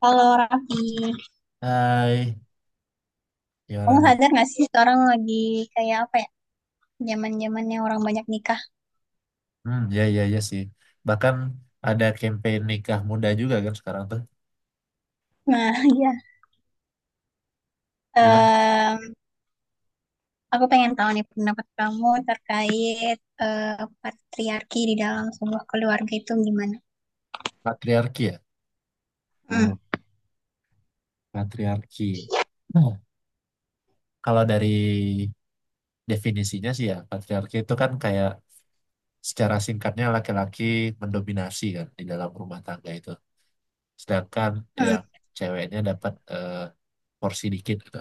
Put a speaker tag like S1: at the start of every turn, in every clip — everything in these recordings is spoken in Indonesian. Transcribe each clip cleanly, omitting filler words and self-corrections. S1: Kalau Raffi,
S2: Hai, gimana
S1: kamu
S2: nih?
S1: sadar nggak sih sekarang lagi kayak apa ya? Zaman-zamannya orang banyak nikah.
S2: Hmm, ya, ya, ya sih. Bahkan ada campaign nikah muda juga kan sekarang tuh.
S1: Nah, iya.
S2: Gimana?
S1: Em, aku pengen tahu nih pendapat kamu terkait eh, patriarki di dalam sebuah keluarga itu gimana?
S2: Patriarki ya?
S1: Hmm,
S2: Hmm, patriarki. Nah, kalau dari definisinya sih ya, patriarki itu kan kayak secara singkatnya laki-laki mendominasi kan di dalam rumah tangga itu. Sedangkan
S1: hmm,
S2: yang ceweknya dapat porsi dikit gitu.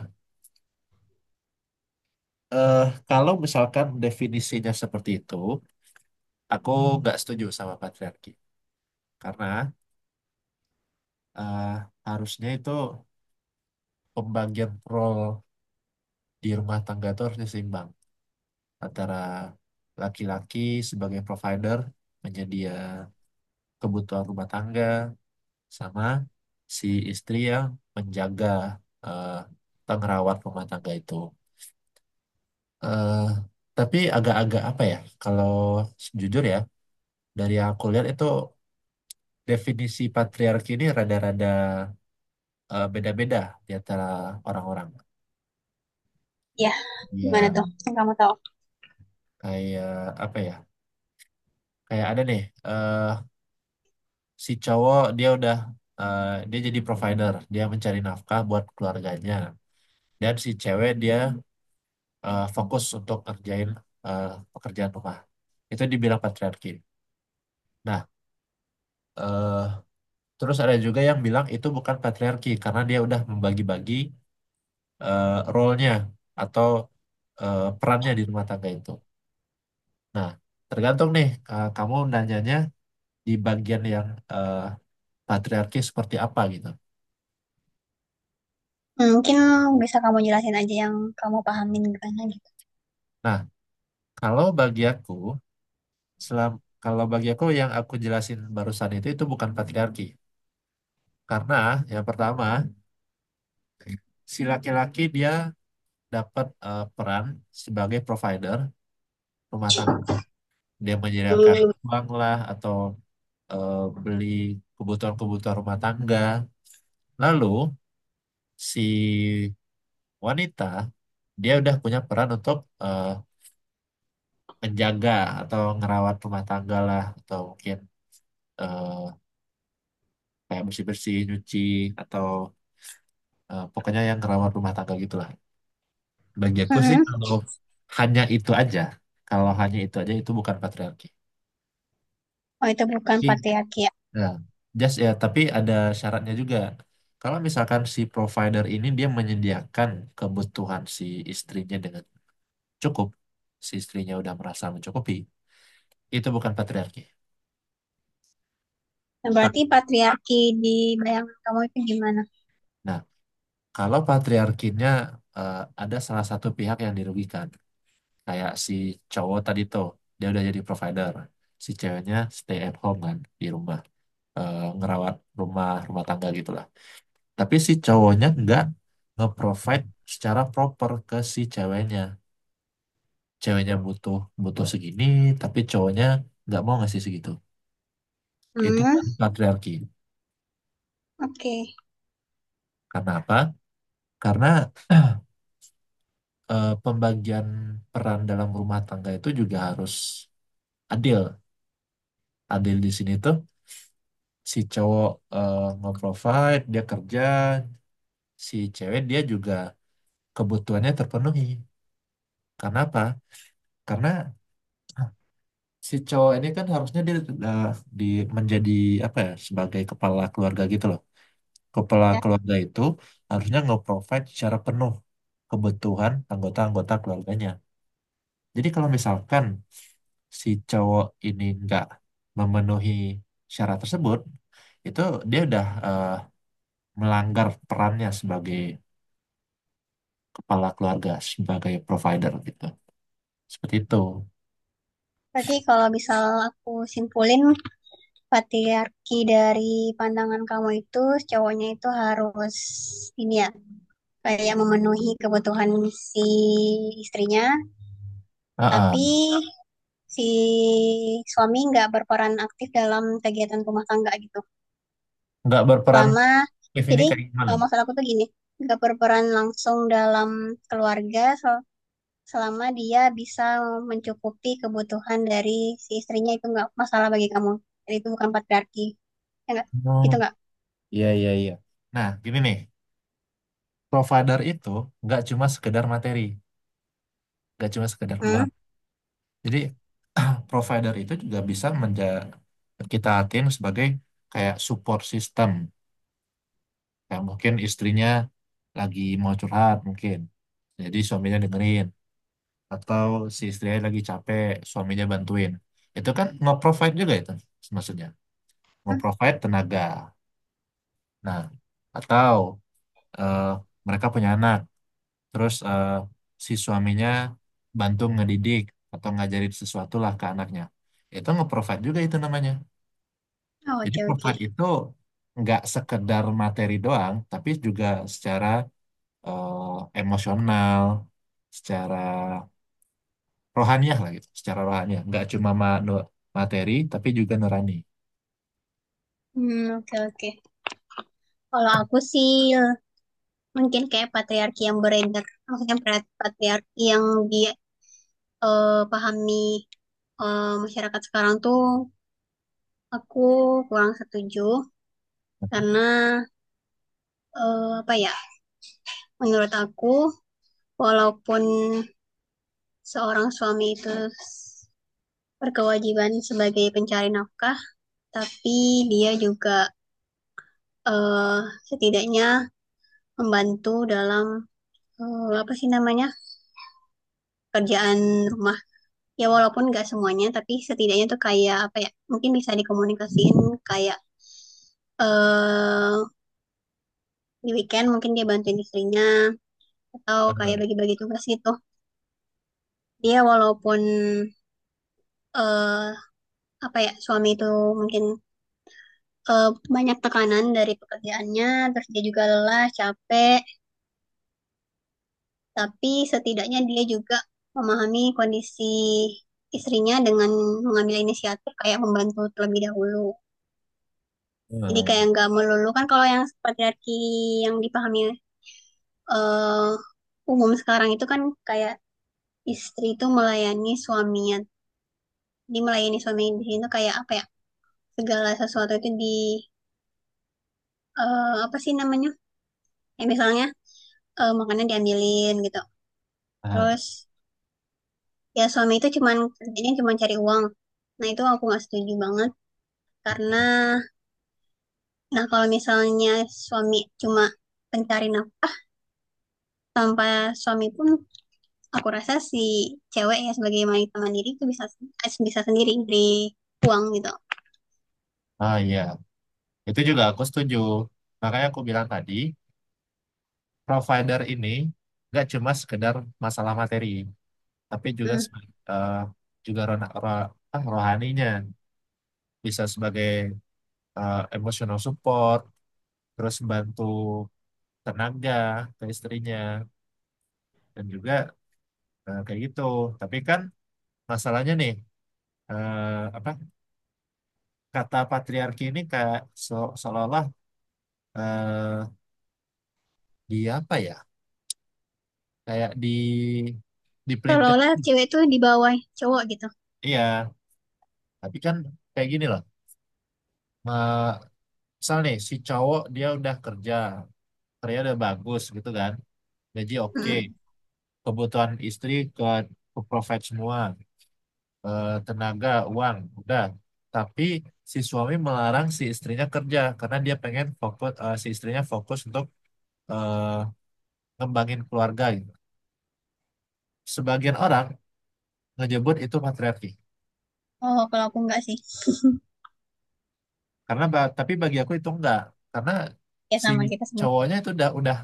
S2: Eh, Kalau misalkan definisinya seperti itu, aku nggak setuju sama patriarki. Karena eh, harusnya itu pembagian role di rumah tangga itu harus seimbang antara laki-laki sebagai provider menyedia kebutuhan rumah tangga sama si istri yang menjaga eh, atau ngerawat rumah tangga itu. eh tapi agak-agak apa ya? Kalau jujur ya, dari yang aku lihat itu definisi patriarki ini rada-rada beda-beda di antara orang-orang.
S1: ya, gimana
S2: Ya
S1: tuh? Yang kamu tahu?
S2: kayak apa ya? Kayak ada nih, eh si cowok dia udah eh, dia jadi provider, dia mencari nafkah buat keluarganya. Dan si cewek dia fokus untuk ngerjain eh, pekerjaan rumah. Itu dibilang patriarki. Nah, eh terus ada juga yang bilang itu bukan patriarki karena dia udah membagi-bagi role-nya atau perannya di rumah tangga itu. Nah, tergantung nih kamu nanyanya di bagian yang eh, patriarki seperti apa gitu.
S1: Hmm, mungkin bisa kamu jelasin aja yang kamu pahamin gimana gitu.
S2: Nah, kalau bagi aku, selam, kalau bagi aku yang aku jelasin barusan itu bukan patriarki. Karena yang pertama, si laki-laki dia dapat peran sebagai provider rumah tangga. Dia menyediakan
S1: Hmm,
S2: uang lah atau eh, beli kebutuhan-kebutuhan rumah tangga. Lalu si wanita dia udah punya peran untuk eh, menjaga atau ngerawat rumah tangga lah atau mungkin eh, kayak bersih-bersih, nyuci atau pokoknya yang ngerawat rumah tangga gitulah. Bagi aku sih
S1: mm-mm.
S2: kalau hanya itu aja, kalau hanya itu aja itu bukan patriarki.
S1: Oh, itu bukan
S2: Tapi,
S1: patriarki ya.
S2: ya, tapi ada syaratnya juga. Kalau misalkan si provider ini dia menyediakan kebutuhan si istrinya dengan cukup, si istrinya udah merasa mencukupi, itu bukan patriarki.
S1: Nah,
S2: Ta-
S1: berarti patriarki di bayangan kamu itu gimana?
S2: Nah, kalau patriarkinya eh, ada salah satu pihak yang dirugikan, kayak si cowok tadi tuh, dia udah jadi provider. Si ceweknya stay at home kan, di rumah. Ngerawat rumah rumah tangga gitu lah. Tapi si cowoknya nggak nge-provide secara proper ke si ceweknya. Ceweknya butuh butuh segini, tapi cowoknya nggak mau ngasih segitu. Itu
S1: Hmm,
S2: kan patriarki.
S1: oke.
S2: Karena apa? Karena pembagian peran dalam rumah tangga itu juga harus adil. Adil di sini tuh si cowok nge-provide, dia kerja, si cewek dia juga kebutuhannya terpenuhi. Karena apa? Karena si cowok ini kan harusnya dia eh, di menjadi apa ya sebagai kepala keluarga gitu loh. Kepala keluarga itu harusnya nge-provide secara penuh kebutuhan anggota-anggota keluarganya. Jadi kalau misalkan si cowok ini nggak memenuhi syarat tersebut, itu dia udah eh, melanggar perannya sebagai kepala keluarga sebagai provider gitu. Seperti itu.
S1: Berarti kalau misal aku simpulin patriarki dari pandangan kamu itu cowoknya itu harus ini ya kayak memenuhi kebutuhan si istrinya, tapi
S2: Heeh.
S1: si suami nggak berperan aktif dalam kegiatan rumah tangga gitu.
S2: Nggak berperan
S1: Selama
S2: aktif ini
S1: jadi
S2: kayak gimana
S1: kalau
S2: nih?
S1: maksud aku tuh gini, nggak berperan langsung dalam keluarga, selama dia bisa mencukupi kebutuhan dari si istrinya itu nggak masalah bagi kamu. Jadi itu bukan patriarki. Ya nggak?
S2: Oh,
S1: Gitu nggak?
S2: iya, iya, iya. Nah, gini nih, provider itu nggak cuma sekedar materi, nggak cuma sekedar
S1: Hmm?
S2: uang. Jadi, provider itu juga bisa kita hatiin sebagai kayak support system. Kayak mungkin istrinya lagi mau curhat mungkin. Jadi suaminya dengerin. Atau si istrinya lagi capek suaminya bantuin itu kan nge-provide juga itu maksudnya nge-provide tenaga. Nah, atau eh, mereka punya anak terus si suaminya bantu ngedidik atau ngajarin sesuatu lah ke anaknya, itu nge-provide juga itu namanya.
S1: Oh,
S2: Jadi
S1: oke oke.
S2: provide itu nggak sekedar materi doang tapi juga secara emosional, secara rohaniah lah gitu, secara rohaniah. Nggak cuma materi, tapi juga nurani.
S1: Hmm, oke oke. Kalau aku sih mungkin kayak patriarki yang beredar, maksudnya patriarki yang dia pahami masyarakat sekarang tuh aku kurang setuju karena apa ya? Menurut aku walaupun seorang suami itu berkewajiban sebagai pencari nafkah, tapi dia juga eh, setidaknya membantu dalam apa sih namanya kerjaan rumah. Ya walaupun nggak semuanya, tapi setidaknya tuh kayak apa ya? Mungkin bisa dikomunikasiin kayak eh di weekend mungkin dia bantuin istrinya atau kayak
S2: Paham.
S1: bagi-bagi tugas gitu. Dia walaupun eh apa ya suami itu mungkin eh, banyak tekanan dari pekerjaannya, terus dia juga lelah, capek, tapi setidaknya dia juga memahami kondisi istrinya dengan mengambil inisiatif kayak membantu terlebih dahulu. Jadi kayak
S2: Hmm.
S1: nggak melulu kan kalau yang patriarki yang dipahami eh, umum sekarang itu kan kayak istri itu melayani suaminya. Jadi melayani suami di sini tuh kayak apa ya? Segala sesuatu itu di apa sih namanya? Ya misalnya makanan diambilin gitu.
S2: Ah,
S1: Terus ya suami itu cuman kerjanya cuma cari uang. Nah itu aku nggak setuju banget. Karena, nah kalau misalnya suami cuma pencari nafkah tanpa suami pun aku rasa si cewek ya sebagai wanita mandiri itu bisa bisa sendiri dari uang gitu.
S2: ah iya, itu juga aku setuju. Makanya aku bilang tadi, provider ini nggak cuma sekedar masalah materi, tapi juga
S1: Hmm.
S2: eh, juga rohaninya bisa sebagai emotional support, terus bantu tenaga ke istrinya dan juga kayak gitu. Tapi kan masalahnya nih, apa? Kata patriarki ini kayak seolah-olah eh, di apa ya kayak di
S1: Seolah-olah cewek itu di bawah cowok gitu.
S2: iya tapi kan kayak gini loh. Ma- Misal nih si cowok dia udah kerja, kerja udah bagus gitu kan, gaji oke,
S1: Hmm.
S2: kebutuhan istri ke provide semua. Tenaga uang udah, tapi si suami melarang si istrinya kerja karena dia pengen fokus, si istrinya fokus untuk eh, ngembangin keluarga gitu. Sebagian orang ngejebur itu patriarki.
S1: Oh, kalau aku enggak sih.
S2: Tapi bagi aku itu enggak, karena
S1: Ya
S2: si
S1: sama kita sebenarnya.
S2: cowoknya itu udah udah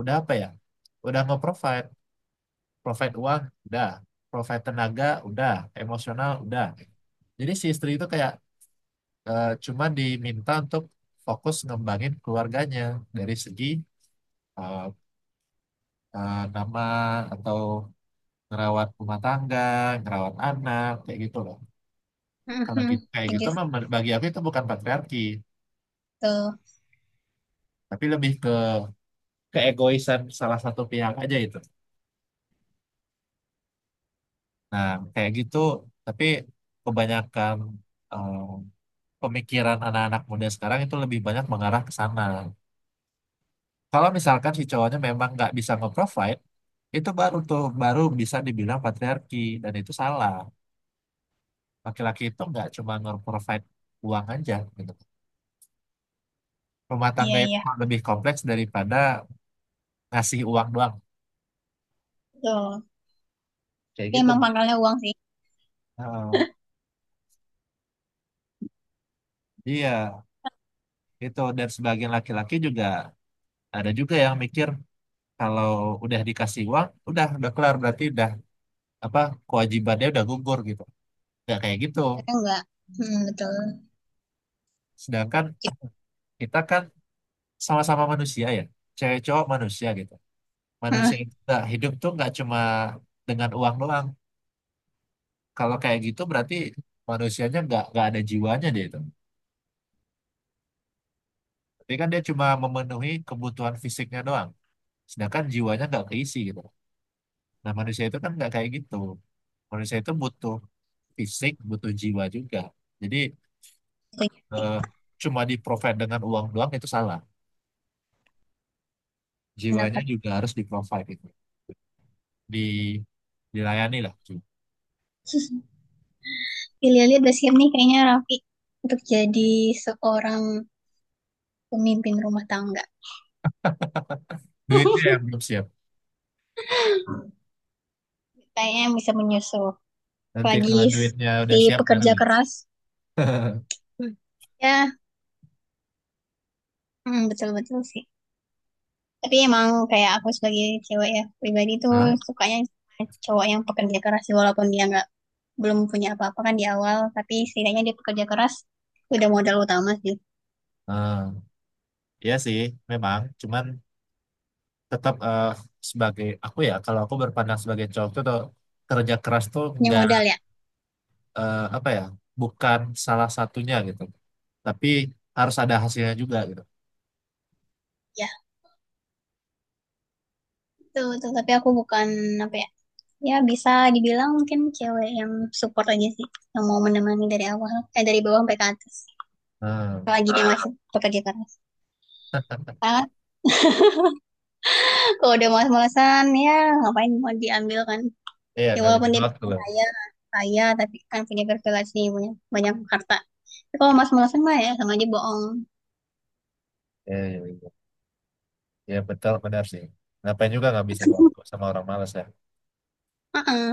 S2: udah apa ya, udah nge-provide, provide uang udah, provide tenaga udah, emosional udah. Jadi si istri itu kayak cuma diminta untuk fokus ngembangin keluarganya dari segi eh, nama atau ngerawat rumah tangga, ngerawat anak kayak gitu loh. Kalau
S1: Mhm.
S2: gitu, kayak gitu
S1: Setuju sih.
S2: mah bagi aku itu bukan patriarki,
S1: Betul.
S2: tapi lebih ke keegoisan salah satu pihak aja itu. Nah, kayak gitu, tapi kebanyakan eh, pemikiran anak-anak muda sekarang itu lebih banyak mengarah ke sana. Kalau misalkan si cowoknya memang nggak bisa nge-provide, itu baru baru bisa dibilang patriarki dan itu salah. Laki-laki itu nggak cuma nge-provide uang aja gitu. Rumah
S1: Iya,
S2: tangga itu
S1: iya.
S2: lebih kompleks daripada ngasih uang doang.
S1: Betul.
S2: Kayak
S1: Dia
S2: gitu.
S1: emang pangkalnya uang sih.
S2: Eh, iya, itu dan sebagian laki-laki juga ada juga yang mikir kalau udah dikasih uang udah kelar berarti udah apa kewajibannya udah gugur gitu, nggak kayak gitu.
S1: Mereka enggak. Hmm, betul.
S2: Sedangkan
S1: Ya.
S2: kita kan sama-sama manusia ya, cewek cowok manusia gitu,
S1: Hmm,
S2: manusia itu nggak hidup tuh nggak cuma dengan uang doang. Kalau kayak gitu berarti manusianya nggak ada jiwanya dia itu, tapi kan dia cuma memenuhi kebutuhan fisiknya doang sedangkan jiwanya nggak keisi gitu. Nah, manusia itu kan nggak kayak gitu, manusia itu butuh fisik butuh jiwa juga. Jadi
S1: setuju.
S2: eh, cuma di provide dengan uang doang itu salah. Jiwanya
S1: Pendapat.
S2: juga harus di provide itu. Di Dilayani lah.
S1: Pilihannya Basir nih kayaknya Raffi untuk jadi seorang pemimpin rumah tangga.
S2: Duitnya yang belum siap.
S1: Kayaknya yang bisa menyusul.
S2: Nanti
S1: Lagi
S2: kalau duitnya
S1: si
S2: udah siap baru.
S1: pekerja keras. Ya, mm, betul-betul sih. Tapi emang kayak aku sebagai cewek ya, pribadi tuh
S2: Hah?
S1: sukanya cowok yang pekerja keras sih, walaupun dia nggak belum punya apa-apa kan di awal, tapi setidaknya dia pekerja keras udah modal utama sih.
S2: Ah, iya sih, memang. Cuman tetap sebagai aku ya, kalau aku berpandang sebagai cowok tuh tuh, kerja keras tuh
S1: Punya
S2: nggak
S1: modal ya.
S2: apa ya, bukan salah satunya gitu. Tapi harus ada hasilnya juga gitu.
S1: Ya, betul, betul. Tapi aku bukan apa ya, ya bisa dibilang mungkin cewek yang support aja sih, yang mau menemani dari awal, eh dari bawah sampai ke atas.
S2: Hmm.
S1: Lagi dia masih pekerja keras. Ah kalau udah malas-malasan ya ngapain mau diambil kan.
S2: Iya,
S1: Ya walaupun
S2: ngabisin
S1: dia
S2: waktu
S1: bilang
S2: loh.
S1: kaya, kaya tapi kan punya privilege nih, punya banyak harta. Tapi kalau malas-malasan mah ya sama aja bohong.
S2: Iya, iya, iya. Ya betul benar sih. Ngapain juga ngabisin waktu sama orang malas ya.
S1: Heeh.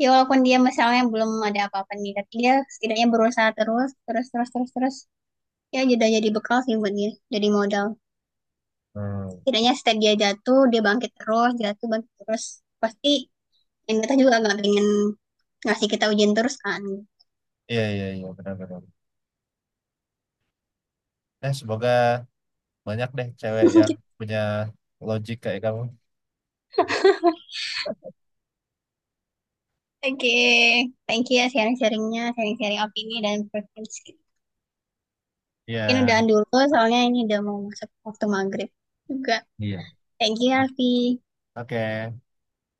S1: Ya walaupun dia misalnya belum ada apa-apa nih, tapi dia setidaknya berusaha terus, terus, terus, terus, terus. Ya jadi bekal sih buat dia, jadi modal.
S2: Hmm.
S1: Tidaknya setiap dia jatuh, dia bangkit terus, jatuh, bangkit terus. Pasti yang kita juga nggak pengen ngasih kita ujian terus kan.
S2: Iya iya iya benar benar. Eh, semoga banyak deh cewek yang punya logik kayak kamu.
S1: Oke, thank you ya sharing-sharingnya, sharing-sharing opini dan preferensi. Mungkin
S2: Iya.
S1: udahan dulu soalnya ini udah mau masuk waktu maghrib juga.
S2: Iya.
S1: Thank you, ya, Alfi.
S2: Oke.